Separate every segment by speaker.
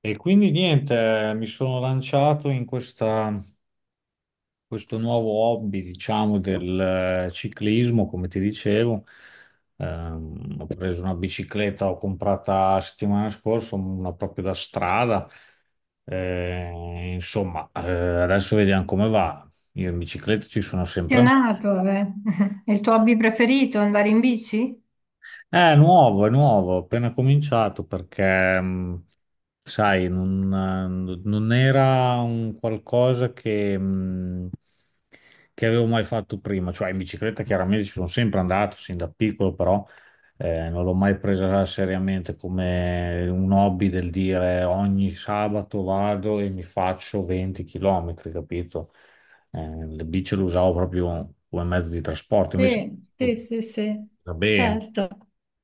Speaker 1: E quindi niente, mi sono lanciato in questo nuovo hobby, diciamo, del ciclismo, come ti dicevo. Ho preso una bicicletta, ho comprata settimana scorsa, una proprio da strada. Insomma, adesso vediamo come va. Io in bicicletta ci sono sempre andato.
Speaker 2: Appassionato, eh. È il tuo hobby preferito, andare in bici?
Speaker 1: È nuovo, ho appena cominciato perché, sai, non era un qualcosa che avevo mai fatto prima. Cioè, in bicicletta chiaramente ci sono sempre andato, sin da piccolo, però non l'ho mai presa seriamente come un hobby del dire ogni sabato vado e mi faccio 20 km, capito? Le bici le usavo proprio come mezzo di trasporto, invece
Speaker 2: Sì, sì, sì, sì,
Speaker 1: va bene.
Speaker 2: certo.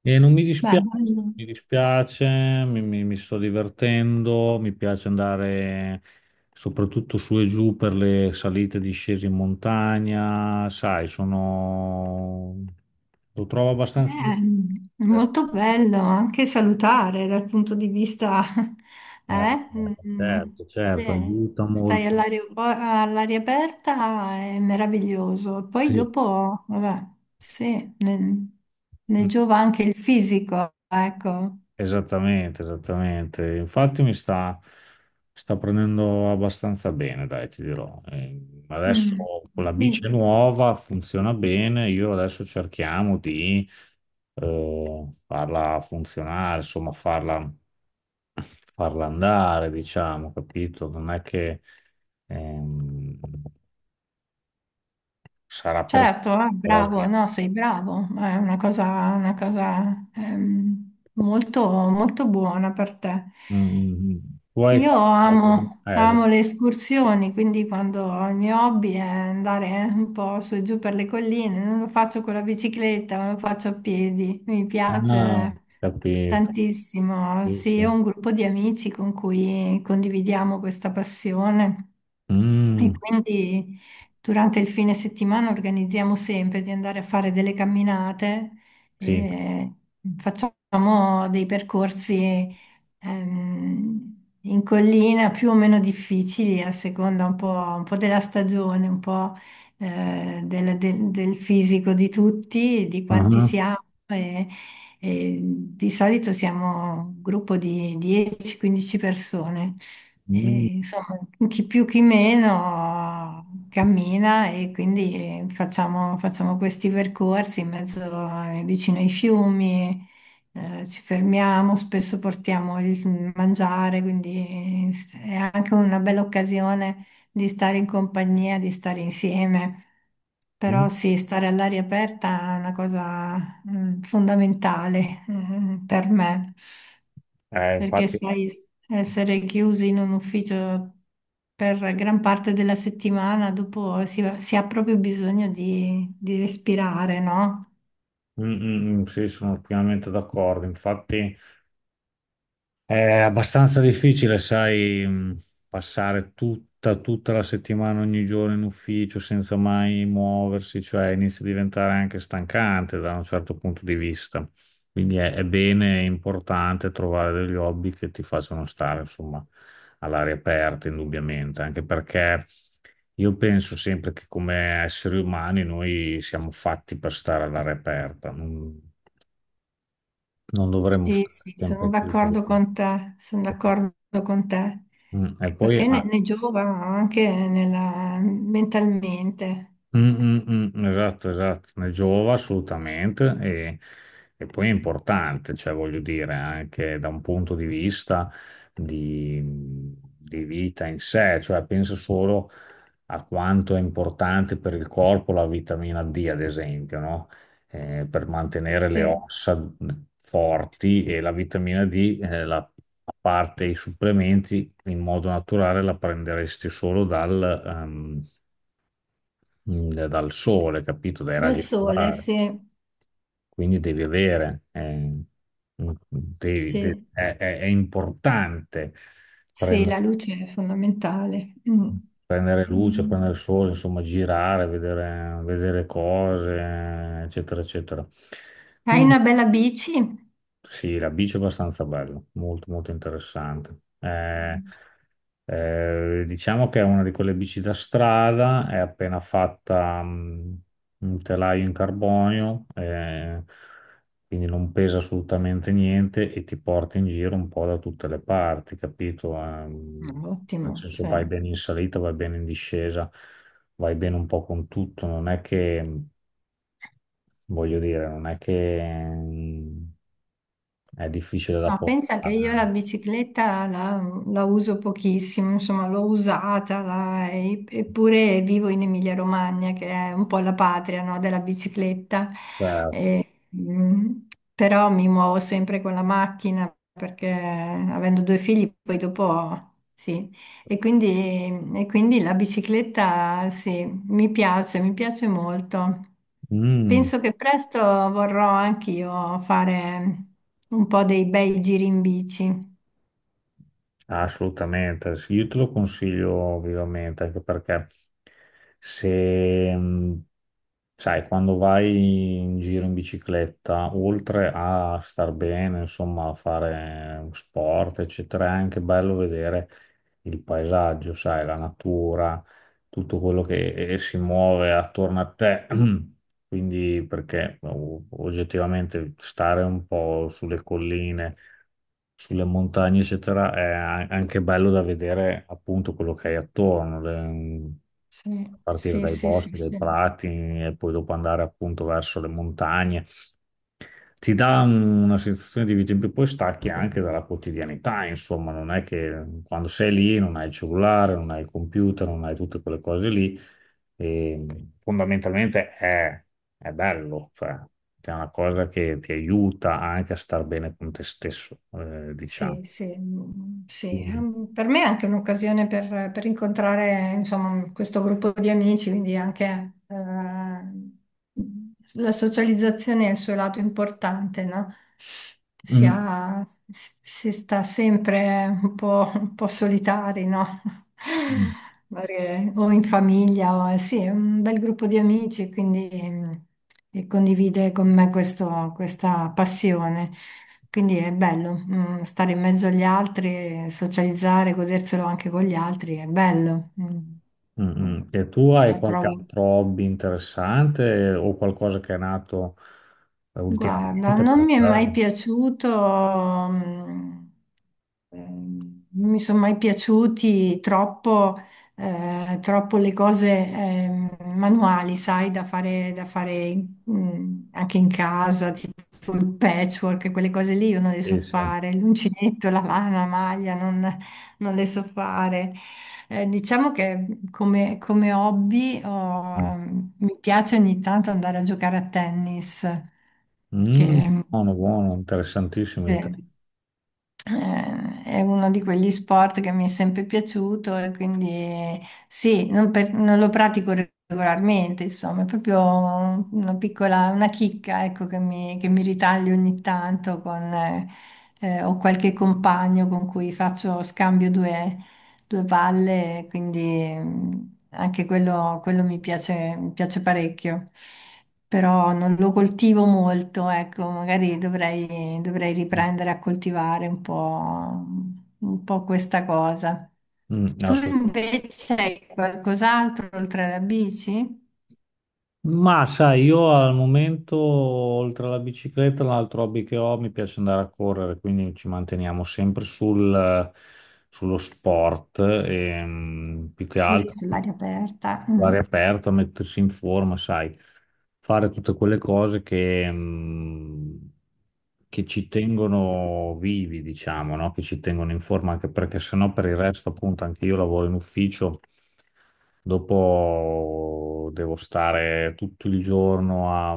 Speaker 1: E non mi
Speaker 2: Beh,
Speaker 1: dispiace,
Speaker 2: bello.
Speaker 1: mi dispiace, mi sto divertendo, mi piace andare soprattutto su e giù per le salite e discese in montagna, sai, sono. Lo trovo abbastanza.
Speaker 2: Beh, è
Speaker 1: Eh,
Speaker 2: molto bello, anche salutare dal punto di vista,
Speaker 1: eh,
Speaker 2: eh? Mm,
Speaker 1: certo, certo,
Speaker 2: sì.
Speaker 1: aiuta
Speaker 2: Stai
Speaker 1: molto.
Speaker 2: all'aria aperta, è meraviglioso. Poi
Speaker 1: Sì.
Speaker 2: dopo, vabbè, sì, ne
Speaker 1: Mm.
Speaker 2: giova anche il fisico, ecco.
Speaker 1: Esattamente, esattamente. Infatti mi sta prendendo abbastanza bene, dai, ti dirò. Adesso
Speaker 2: Mm.
Speaker 1: con la bici
Speaker 2: Quindi-
Speaker 1: nuova funziona bene, io adesso cerchiamo di farla funzionare, insomma, farla andare, diciamo, capito? Non è che ehm, sarà per.
Speaker 2: Certo, ah,
Speaker 1: Però
Speaker 2: bravo,
Speaker 1: dai.
Speaker 2: no, sei bravo, è una cosa, molto, molto buona per te.
Speaker 1: Mm, mm, mm. Tu hai
Speaker 2: Io
Speaker 1: fatto.
Speaker 2: amo, amo
Speaker 1: Esatto.
Speaker 2: le escursioni, quindi quando il mio hobby è andare un po' su e giù per le colline, non lo faccio con la bicicletta, ma lo faccio a piedi, mi
Speaker 1: Ah,
Speaker 2: piace
Speaker 1: capito.
Speaker 2: tantissimo.
Speaker 1: Sì, sì.
Speaker 2: Sì, ho un gruppo di amici con cui condividiamo questa passione. E
Speaker 1: Mm,
Speaker 2: quindi durante il fine settimana organizziamo sempre di andare a fare delle camminate,
Speaker 1: sì.
Speaker 2: e facciamo dei percorsi ehm, in collina più o meno difficili a seconda un po' della stagione, un po' del fisico di tutti, di quanti
Speaker 1: Ah,
Speaker 2: siamo. E di solito siamo un gruppo di 10-15 persone. E,
Speaker 1: mm,
Speaker 2: insomma, chi più chi meno cammina e quindi facciamo, facciamo questi percorsi in mezzo vicino ai fiumi, ci fermiamo, spesso portiamo il mangiare, quindi è anche una bella occasione di stare in compagnia, di stare insieme.
Speaker 1: mm.
Speaker 2: Però sì, stare all'aria aperta è una cosa fondamentale per me, perché
Speaker 1: Infatti,
Speaker 2: sai, essere chiusi in un ufficio per gran parte della settimana, dopo si ha proprio bisogno di respirare, no?
Speaker 1: mm, mm, mm, sì, sono pienamente d'accordo. Infatti, è abbastanza difficile, sai, passare tutta la settimana, ogni giorno in ufficio senza mai muoversi, cioè inizia a diventare anche stancante da un certo punto di vista. Quindi è bene, è importante trovare degli hobby che ti facciano stare, insomma, all'aria aperta, indubbiamente, anche perché io penso sempre che come esseri umani noi siamo fatti per stare all'aria aperta, non dovremmo
Speaker 2: Sì,
Speaker 1: stare
Speaker 2: sì, sono
Speaker 1: sempre chiusi.
Speaker 2: d'accordo con te, sono d'accordo con te,
Speaker 1: Mm, e
Speaker 2: che
Speaker 1: poi,
Speaker 2: perché ne,
Speaker 1: ah,
Speaker 2: ne giova anche mentalmente.
Speaker 1: mm, mm, mm, esatto, esatto, ne giova assolutamente e poi è importante, cioè voglio dire, anche da un punto di vista di, di vita in sé, cioè pensa solo a quanto è importante per il corpo la vitamina D, ad esempio, no? Per mantenere le
Speaker 2: Sì.
Speaker 1: ossa forti e la vitamina D, la, a parte i supplementi, in modo naturale la prenderesti solo dal sole, capito? Dai
Speaker 2: Dal
Speaker 1: raggi
Speaker 2: sole,
Speaker 1: solari.
Speaker 2: sì,
Speaker 1: Quindi devi avere,
Speaker 2: sì,
Speaker 1: è, è importante
Speaker 2: sì, la
Speaker 1: prendere,
Speaker 2: luce è fondamentale. Mm.
Speaker 1: prendere luce,
Speaker 2: Mm.
Speaker 1: prendere sole, insomma, girare, vedere, vedere cose, eccetera, eccetera.
Speaker 2: Hai
Speaker 1: Quindi
Speaker 2: una bella bici?
Speaker 1: sì, la bici è abbastanza bella, molto, molto interessante.
Speaker 2: Mm.
Speaker 1: Diciamo che è una di quelle bici da strada, è appena fatta un telaio in carbonio, quindi non pesa assolutamente niente e ti porta in giro un po' da tutte le parti, capito? Nel
Speaker 2: Ottimo,
Speaker 1: senso
Speaker 2: sì.
Speaker 1: vai bene in salita, vai bene in discesa, vai bene un po' con tutto, non è che, voglio dire, non è che mh, è difficile da
Speaker 2: No, pensa che io la
Speaker 1: portare.
Speaker 2: bicicletta la uso pochissimo, insomma l'ho usata, eppure vivo in Emilia-Romagna, che è un po' la patria, no, della bicicletta,
Speaker 1: Certo.
Speaker 2: e, però mi muovo sempre con la macchina perché avendo due figli poi dopo... Sì, e quindi, e quindi la bicicletta sì, mi piace molto.
Speaker 1: Mm.
Speaker 2: Penso che presto vorrò anch'io fare un po' dei bei giri in bici.
Speaker 1: Assolutamente, sì, io te lo consiglio vivamente, anche perché se, sai, quando vai in giro in bicicletta, oltre a star bene, insomma, a fare sport, eccetera, è anche bello vedere il paesaggio, sai, la natura, tutto quello che si muove attorno a te. Quindi, perché oggettivamente stare un po' sulle colline sulle montagne, eccetera, è anche bello da vedere appunto quello che hai attorno, a
Speaker 2: Sì,
Speaker 1: partire
Speaker 2: sì,
Speaker 1: dai
Speaker 2: sì, sì,
Speaker 1: boschi, dai
Speaker 2: sì.
Speaker 1: prati e poi dopo andare appunto verso le montagne. Ti dà una sensazione di vita in più, poi stacchi anche dalla quotidianità, insomma, non è che quando sei lì non hai il cellulare, non hai il computer, non hai tutte quelle cose lì e fondamentalmente è bello, cioè che è una cosa che ti aiuta anche a star bene con te stesso, diciamo.
Speaker 2: Sì, sì, mm, sì.
Speaker 1: Mm,
Speaker 2: Per me è anche un'occasione per incontrare, insomma, questo gruppo di amici, quindi anche la socializzazione è il suo lato importante, no? si,
Speaker 1: mm,
Speaker 2: si sta sempre un po' solitari, no?
Speaker 1: mm,
Speaker 2: Perché o in famiglia, o, sì, è un bel gruppo di amici, quindi e condivide con me questa passione. Quindi è bello, stare in mezzo agli altri, socializzare, goderselo anche con gli altri, è bello. Mm.
Speaker 1: mm,
Speaker 2: Mm.
Speaker 1: mm. E tu hai
Speaker 2: La
Speaker 1: qualche
Speaker 2: trovo.
Speaker 1: altro hobby interessante o qualcosa che è nato
Speaker 2: Guarda,
Speaker 1: ultimamente
Speaker 2: non
Speaker 1: per
Speaker 2: mi è mai
Speaker 1: caso?
Speaker 2: piaciuto, mm, non mi sono mai piaciuti troppo, troppo le cose, manuali, sai, da fare, anche in casa, tipo il patchwork, quelle cose lì io non le so
Speaker 1: Sì, sì.
Speaker 2: fare, l'uncinetto, la lana, la maglia, non le so fare. Diciamo che come hobby
Speaker 1: Mm.
Speaker 2: mi piace ogni tanto andare a giocare a tennis, che,
Speaker 1: Mm, buono, buono, interessantissimo il
Speaker 2: che,
Speaker 1: tema.
Speaker 2: è uno di quegli sport che mi è sempre piaciuto e quindi sì, non lo pratico regolarmente, insomma, è proprio una chicca, ecco, che mi ritaglio ogni tanto con... ho qualche compagno con cui faccio scambio due palle, quindi anche quello mi piace parecchio, però non lo coltivo molto, ecco, magari dovrei, dovrei riprendere a coltivare un po' questa cosa.
Speaker 1: Mm,
Speaker 2: Tu
Speaker 1: assolut-
Speaker 2: invece hai qualcos'altro oltre alla bici?
Speaker 1: Ma sai, io al momento, oltre alla bicicletta, l'altro hobby che ho, mi piace andare a correre, quindi ci manteniamo sempre sullo sport, e, più che
Speaker 2: Sì,
Speaker 1: altro.
Speaker 2: sull'aria aperta. Mm.
Speaker 1: L'aria aperta, mettersi in forma, sai, fare tutte quelle cose che ci tengono vivi, diciamo, no? Che ci tengono in forma, anche perché sennò per il resto, appunto, anche io lavoro in ufficio, dopo devo stare tutto il giorno a,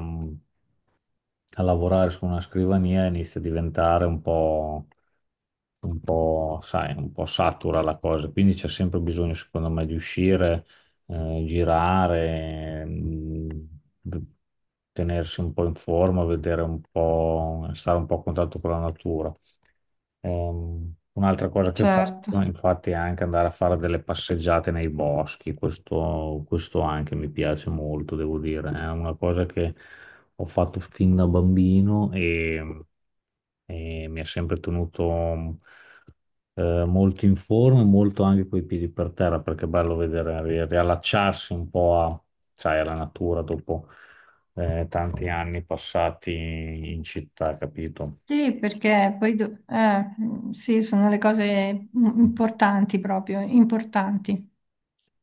Speaker 1: a lavorare su una scrivania e inizia a diventare un po', sai, un po' satura la cosa, quindi c'è sempre bisogno, secondo me, di uscire, girare, tenersi un po' in forma, vedere un po', stare un po' a contatto con la natura. Un'altra cosa che
Speaker 2: Certo.
Speaker 1: faccio, infatti, è anche andare a fare delle passeggiate nei boschi, questo anche mi piace molto, devo dire, è una cosa che ho fatto fin da bambino e mi ha sempre tenuto molto in forma, e molto anche coi piedi per terra, perché è bello vedere, riallacciarsi un po' sai, alla natura dopo tanti anni passati in città, capito?
Speaker 2: Sì, perché poi sì, sono le cose importanti proprio, importanti.